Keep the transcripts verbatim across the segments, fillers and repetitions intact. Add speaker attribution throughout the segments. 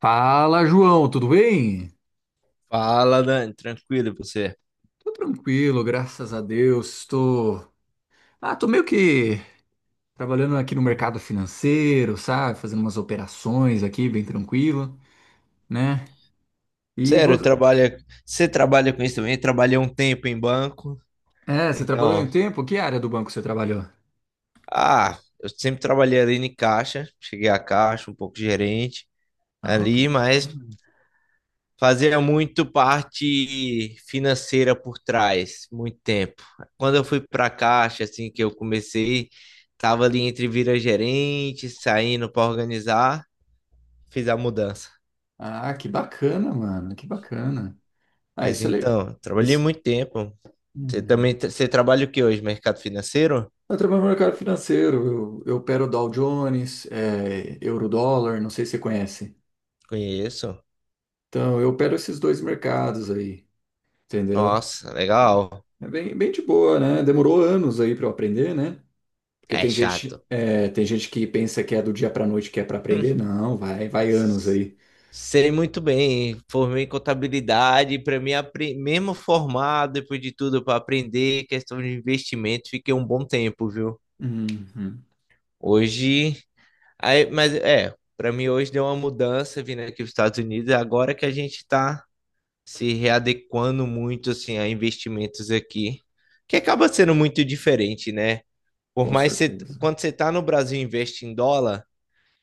Speaker 1: Fala, João, tudo bem?
Speaker 2: Fala, Dani, tranquilo e você?
Speaker 1: Tô tranquilo, graças a Deus. Tô, ah, tô meio que trabalhando aqui no mercado financeiro, sabe? Fazendo umas operações aqui, bem tranquilo, né? E
Speaker 2: Sério,
Speaker 1: você,
Speaker 2: trabalha, você trabalha com isso também? Eu trabalhei um tempo em banco.
Speaker 1: é, você trabalhou em
Speaker 2: Então,
Speaker 1: tempo? Que área do banco você trabalhou?
Speaker 2: ah, eu sempre trabalhei ali em caixa, cheguei a caixa, um pouco gerente
Speaker 1: Ah, que
Speaker 2: ali, mas
Speaker 1: bacana.
Speaker 2: fazia muito parte financeira por trás, muito tempo. Quando eu fui para caixa, assim que eu comecei, tava ali entre vira gerente, saindo para organizar, fiz a mudança.
Speaker 1: Ah, que bacana, mano, que bacana. Ah,
Speaker 2: Mas
Speaker 1: isso é le...
Speaker 2: então, trabalhei
Speaker 1: isso.
Speaker 2: muito tempo. Você também
Speaker 1: Hum.
Speaker 2: tra- você trabalha o que hoje? Mercado financeiro?
Speaker 1: Eu trabalho no mercado financeiro, eu, eu opero Dow Jones, é, Eurodólar, não sei se você conhece.
Speaker 2: Conheço.
Speaker 1: Então, eu opero esses dois mercados aí. Entendeu?
Speaker 2: Nossa,
Speaker 1: É,
Speaker 2: legal.
Speaker 1: é bem, bem de boa, né? Demorou anos aí para eu aprender, né? Porque
Speaker 2: É
Speaker 1: tem gente,
Speaker 2: chato.
Speaker 1: é, tem gente que pensa que é do dia para noite que é para aprender. Não, vai, vai anos aí.
Speaker 2: Sei muito bem, formei em contabilidade, para mim, apre- mesmo formado, depois de tudo, para aprender questão de investimento, fiquei um bom tempo, viu?
Speaker 1: Uhum,
Speaker 2: Hoje, aí, mas é, para mim hoje deu uma mudança vindo aqui para os Estados Unidos, agora que a gente está se readequando muito assim a investimentos aqui, que acaba sendo muito diferente, né? Por
Speaker 1: com
Speaker 2: mais que você,
Speaker 1: certeza.
Speaker 2: quando você tá no Brasil e investe em dólar,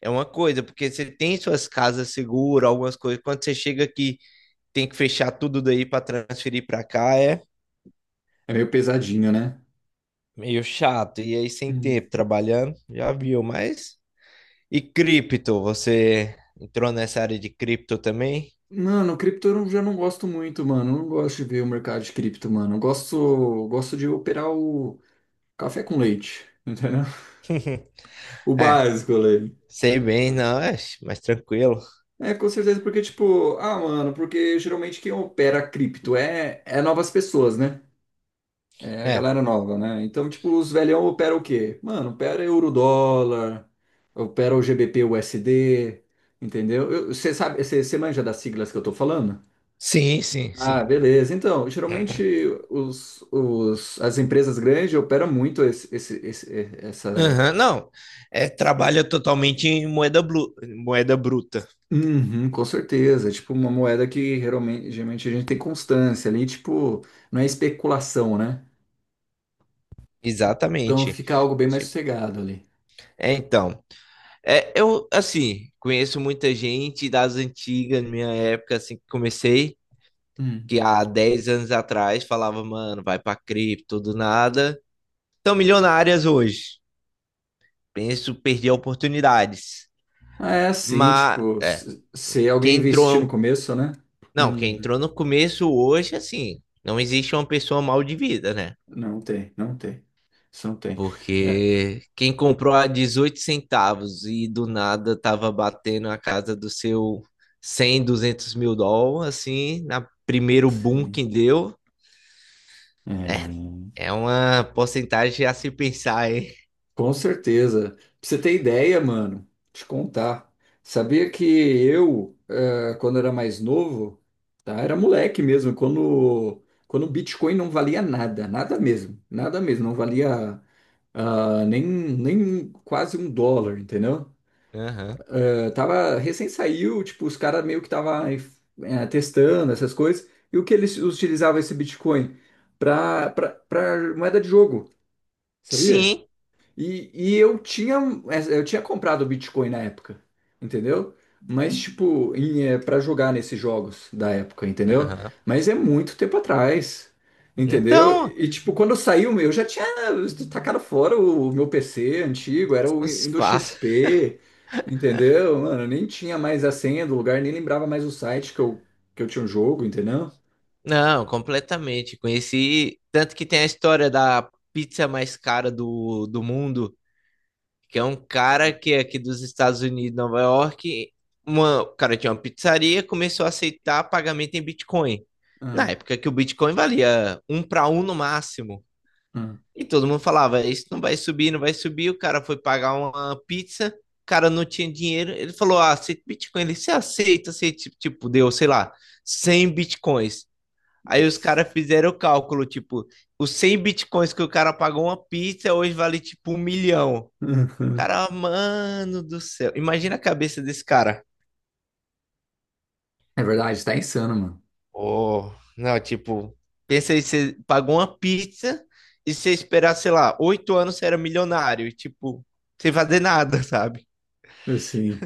Speaker 2: é uma coisa, porque você tem suas casas seguras, algumas coisas. Quando você chega aqui, tem que fechar tudo daí para transferir para cá, é
Speaker 1: É meio pesadinho, né?
Speaker 2: meio chato. E aí, sem
Speaker 1: Uhum.
Speaker 2: tempo trabalhando, já viu, mas. E cripto, você entrou nessa área de cripto também?
Speaker 1: Mano, cripto eu não- já não gosto muito, mano. Eu não gosto de ver o mercado de cripto, mano. Eu gosto, gosto de operar o café com leite, entendeu? O
Speaker 2: É,
Speaker 1: básico, ali.
Speaker 2: sei bem, não, é mais tranquilo.
Speaker 1: É, com certeza, porque, tipo, ah, mano, porque geralmente quem opera cripto é, é novas pessoas, né? É a
Speaker 2: É,
Speaker 1: galera nova, né? Então, tipo, os velhão operam o quê? Mano, opera euro-dólar, opera o G B P U S D, entendeu? Você sabe, você manja das siglas que eu tô falando?
Speaker 2: sim, sim, sim.
Speaker 1: Ah, beleza. Então, geralmente os, os, as empresas grandes operam muito esse, esse, esse- essa,
Speaker 2: Aham, não, é, trabalha totalmente em moeda, blu, moeda bruta.
Speaker 1: Uhum, com certeza. Tipo, uma moeda que geralmente, geralmente a gente tem constância ali, tipo, não é especulação, né? Então
Speaker 2: Exatamente.
Speaker 1: fica algo bem mais
Speaker 2: Tipo,
Speaker 1: sossegado ali.
Speaker 2: é, então. É, eu, assim, conheço muita gente das antigas, na minha época, assim, que comecei,
Speaker 1: Hum.
Speaker 2: que há dez anos atrás falava, mano, vai pra cripto, do nada. Estão milionárias hoje. Penso perder oportunidades.
Speaker 1: Ah, é assim,
Speaker 2: Mas,
Speaker 1: tipo,
Speaker 2: é,
Speaker 1: se se
Speaker 2: quem
Speaker 1: alguém investir no
Speaker 2: entrou.
Speaker 1: começo, né?
Speaker 2: Não, quem
Speaker 1: Uhum.
Speaker 2: entrou no começo hoje, assim, não existe uma pessoa mal de vida, né?
Speaker 1: Não tem, não tem. Isso não tem. É,
Speaker 2: Porque quem comprou a dezoito centavos e do nada tava batendo a casa do seu cem duzentos mil dólares, assim, na primeiro boom
Speaker 1: sim.
Speaker 2: que deu,
Speaker 1: É.
Speaker 2: é uma porcentagem a se pensar, hein?
Speaker 1: Com certeza. Pra você ter ideia, mano, te contar. Sabia que eu, eh, quando era mais novo, tá? Era moleque mesmo, quando, quando o Bitcoin não valia nada, nada mesmo, nada mesmo, não valia ah, nem, nem quase um dólar, entendeu?
Speaker 2: Aham.
Speaker 1: Eh, tava, recém saiu, tipo, os caras meio que tava eh, testando essas coisas, e o que eles utilizavam esse Bitcoin? Pra, pra, pra moeda de jogo, sabia?
Speaker 2: Sim.
Speaker 1: E, e eu tinha, eh, eu tinha comprado Bitcoin na época, entendeu? Mas, tipo, em, é, para jogar nesses jogos da época, entendeu?
Speaker 2: Aham.
Speaker 1: Mas é muito tempo atrás, entendeu?
Speaker 2: Então,
Speaker 1: E, tipo, quando saiu, o meu, eu já tinha tacado fora o, o meu P C antigo, era o
Speaker 2: os
Speaker 1: Windows
Speaker 2: fatos-
Speaker 1: X P, entendeu? Mano, eu nem tinha mais a senha do lugar, nem lembrava mais o site que eu, que eu tinha um jogo, entendeu?
Speaker 2: não, completamente. Conheci, tanto que tem a história da pizza mais cara do, do mundo, que é um cara que é aqui dos Estados Unidos, Nova York. Uma, o cara tinha uma pizzaria, começou a aceitar pagamento em Bitcoin. Na
Speaker 1: Ah,
Speaker 2: época que o Bitcoin valia um para um no máximo.
Speaker 1: ah,
Speaker 2: E todo mundo falava: Isso não vai subir, não vai subir. O cara foi pagar uma pizza, o cara não tinha dinheiro. Ele falou: Ah, aceita Bitcoin. Ele se aceita, aceita. Tipo, deu, sei lá, cem Bitcoins. Aí os
Speaker 1: nossa.
Speaker 2: caras fizeram o cálculo: Tipo, os cem Bitcoins que o cara pagou uma pizza hoje vale tipo um milhão. Cara, mano do céu. Imagina a cabeça desse cara.
Speaker 1: É verdade, tá insano, mano.
Speaker 2: Oh, não, tipo, pensa aí, você pagou uma pizza e você esperar, sei lá, oito anos você era milionário, e, tipo, sem fazer nada, sabe?
Speaker 1: Sim,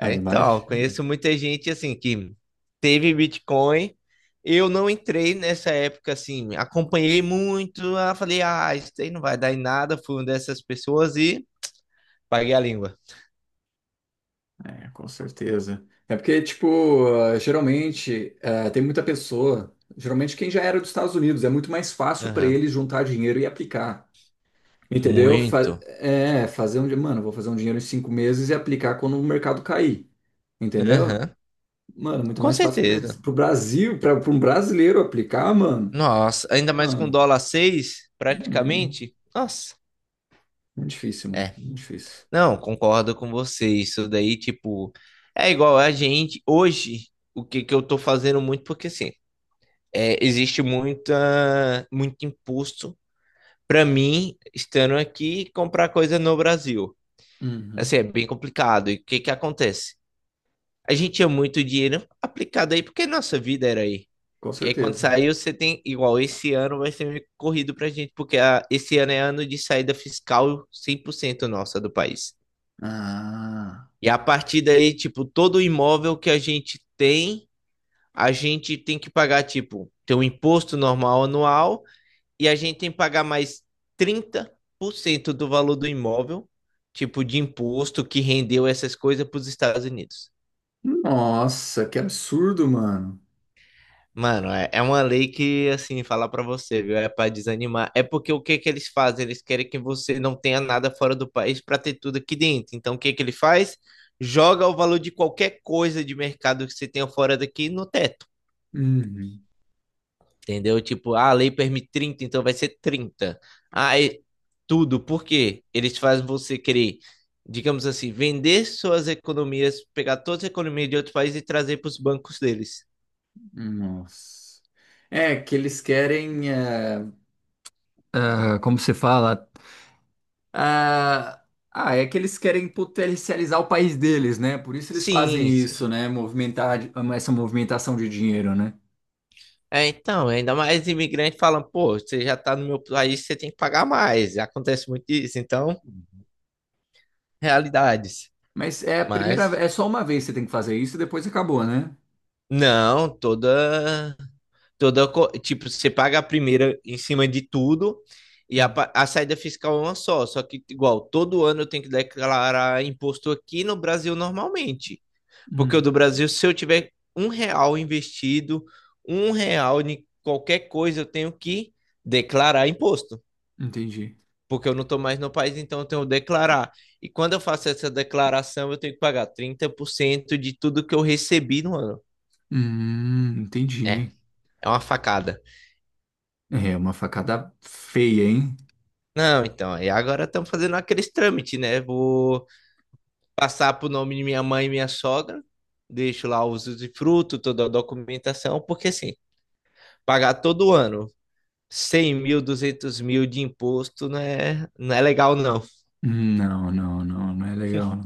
Speaker 1: a
Speaker 2: então,
Speaker 1: imagem.
Speaker 2: conheço muita gente assim que teve Bitcoin. Eu não entrei nessa época assim, acompanhei muito, ah, falei, ah, isso aí não vai dar em nada, fui uma dessas pessoas e paguei a língua.
Speaker 1: É, com certeza. É porque, tipo, ah, geralmente ah, tem muita pessoa, geralmente quem já era dos Estados Unidos, é muito mais fácil para
Speaker 2: Aham.
Speaker 1: eles juntar dinheiro e aplicar. Entendeu? Fa-
Speaker 2: Muito.
Speaker 1: é, fazer um, di- mano, vou fazer um dinheiro em cinco meses e aplicar quando o mercado cair. Entendeu?
Speaker 2: Aham.
Speaker 1: Mano, muito
Speaker 2: Com
Speaker 1: mais fácil para eles.
Speaker 2: certeza.
Speaker 1: Pro Brasil, para um brasileiro aplicar, mano,
Speaker 2: Nossa, ainda mais com
Speaker 1: mano,
Speaker 2: dólar seis,
Speaker 1: hum,
Speaker 2: praticamente. Nossa,
Speaker 1: muito difícil, mano,
Speaker 2: é.
Speaker 1: muito difícil.
Speaker 2: Não, concordo com você. Isso daí, tipo, é igual a gente hoje. O que que eu tô fazendo muito, porque assim, é, existe muita, muito imposto para mim, estando aqui, comprar coisa no Brasil.
Speaker 1: Uhum,
Speaker 2: Assim, é bem complicado. E o que que acontece? A gente tinha muito dinheiro aplicado aí, porque nossa vida era aí.
Speaker 1: com
Speaker 2: E aí, quando
Speaker 1: certeza.
Speaker 2: saiu, você tem igual. Esse ano vai ser meio corrido pra gente, porque a- esse ano é ano de saída fiscal cem por cento nossa do país.
Speaker 1: Ah,
Speaker 2: E a partir daí, tipo, todo imóvel que a gente tem, a gente tem que pagar, tipo, tem um imposto normal anual e a gente tem que pagar mais trinta por cento do valor do imóvel, tipo, de imposto que rendeu essas coisas para os Estados Unidos.
Speaker 1: nossa, que absurdo, mano.
Speaker 2: Mano, é, é uma lei que, assim, falar pra você, viu? É pra desanimar. É porque o que que eles fazem? Eles querem que você não tenha nada fora do país pra ter tudo aqui dentro. Então, o que que ele faz? Joga o valor de qualquer coisa de mercado que você tenha fora daqui no teto,
Speaker 1: Uhum.
Speaker 2: entendeu? Tipo, ah, a lei permite trinta, então vai ser trinta. Ah, é tudo. Por quê? Eles fazem você querer, digamos assim, vender suas economias, pegar todas as economias de outros países e trazer para os bancos deles.
Speaker 1: Nossa. É que eles querem. eh, Ah, como se fala? Ah, ah, é que eles querem potencializar o país deles, né? Por isso eles fazem
Speaker 2: Sim,
Speaker 1: isso, né? Movimentar essa movimentação de dinheiro, né?
Speaker 2: é, então, ainda mais imigrante falando, pô, você já tá no meu país, você tem que pagar mais. Acontece muito isso, então, realidades.
Speaker 1: Mas é a primeira,
Speaker 2: Mas,
Speaker 1: é só uma vez que você tem que fazer isso e depois acabou, né?
Speaker 2: não, toda, toda, co- tipo, você paga a primeira em cima de tudo e a, pa- a saída fiscal é uma só. Só que, igual, todo ano eu tenho que declarar imposto aqui no Brasil normalmente. Porque o
Speaker 1: Hum,
Speaker 2: do Brasil, se eu tiver um real investido, um real em qualquer coisa, eu tenho que declarar imposto.
Speaker 1: entendi.
Speaker 2: Porque eu não estou mais no país, então eu tenho que declarar. E quando eu faço essa declaração, eu tenho que pagar trinta por cento de tudo que eu recebi no ano.
Speaker 1: Hum,
Speaker 2: É,
Speaker 1: entendi.
Speaker 2: é uma facada.
Speaker 1: É uma facada feia, hein?
Speaker 2: Não, então, e agora estamos fazendo aqueles trâmites, né? Vou passar para o nome de minha mãe e minha sogra, deixo lá os usufruto, toda a documentação, porque assim, pagar todo ano cem mil, duzentos mil de imposto não é, não é legal, não.
Speaker 1: Não, não, não, não é legal.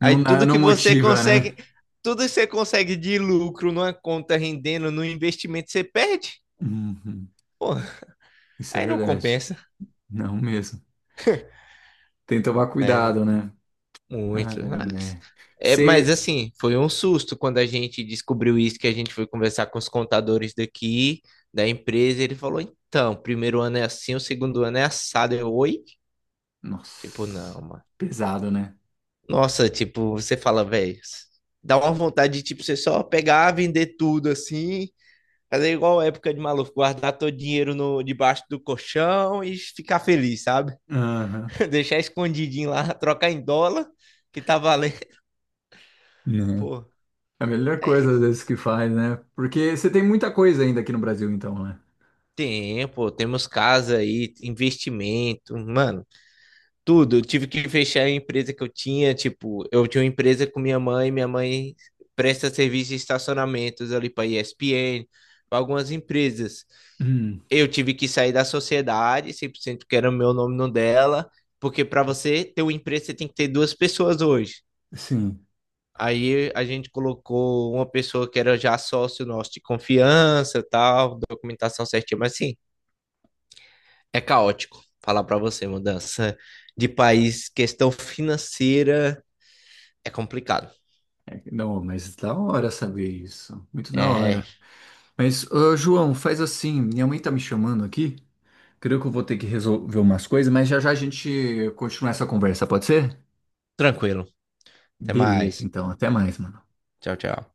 Speaker 1: Não, não, dá-
Speaker 2: tudo que
Speaker 1: não
Speaker 2: você
Speaker 1: motiva, né?
Speaker 2: consegue, tudo que você consegue de lucro numa conta rendendo no investimento, você perde.
Speaker 1: Uhum.
Speaker 2: Pô,
Speaker 1: Isso é
Speaker 2: aí não
Speaker 1: verdade.
Speaker 2: compensa.
Speaker 1: Não mesmo. Tem que tomar
Speaker 2: Mas
Speaker 1: cuidado, né? Ah,
Speaker 2: muito mais.
Speaker 1: é.
Speaker 2: É, mas
Speaker 1: Ser.
Speaker 2: assim, foi um susto quando a gente descobriu isso, que a gente foi conversar com os contadores daqui, da empresa, e ele falou: então, o primeiro ano é assim, o segundo ano é assado. Eu, oi? Tipo,
Speaker 1: Nossa,
Speaker 2: não, mano.
Speaker 1: pesado, né?
Speaker 2: Nossa, tipo, você fala, velho, dá uma vontade de, tipo, você só pegar, vender tudo assim. Fazer igual a época de maluco, guardar todo o dinheiro no, debaixo do colchão e ficar feliz, sabe?
Speaker 1: Aham.
Speaker 2: Deixar escondidinho lá, trocar em dólar, que tá valendo.
Speaker 1: Né?
Speaker 2: Pô,
Speaker 1: É a melhor
Speaker 2: é
Speaker 1: coisa, às
Speaker 2: isso.
Speaker 1: vezes, que faz, né? Porque você tem muita coisa ainda aqui no Brasil, então, né?
Speaker 2: Tem, pô, temos casa aí, investimento, mano, tudo. Eu tive que fechar a empresa que eu tinha, tipo, eu tinha uma empresa com minha mãe, minha mãe presta serviço de estacionamentos ali para E S P N, para algumas empresas.
Speaker 1: Hum,
Speaker 2: Eu tive que sair da sociedade, cem por cento que era o meu nome no dela, porque para você ter uma empresa, você tem que ter duas pessoas hoje.
Speaker 1: sim.
Speaker 2: Aí a gente colocou uma pessoa que era já sócio nosso de confiança, tal, documentação certinha, mas sim, é caótico. Falar para você, mudança de país, questão financeira é complicado.
Speaker 1: É. Não, mas da hora saber isso. Muito da
Speaker 2: É
Speaker 1: hora. Mas, ô, João, faz assim. Minha mãe tá me chamando aqui. Creio que eu vou ter que resolver umas coisas, mas já já a gente continua essa conversa, pode ser?
Speaker 2: tranquilo. Até
Speaker 1: Beleza,
Speaker 2: mais.
Speaker 1: então. Até mais, mano.
Speaker 2: Tchau, tchau.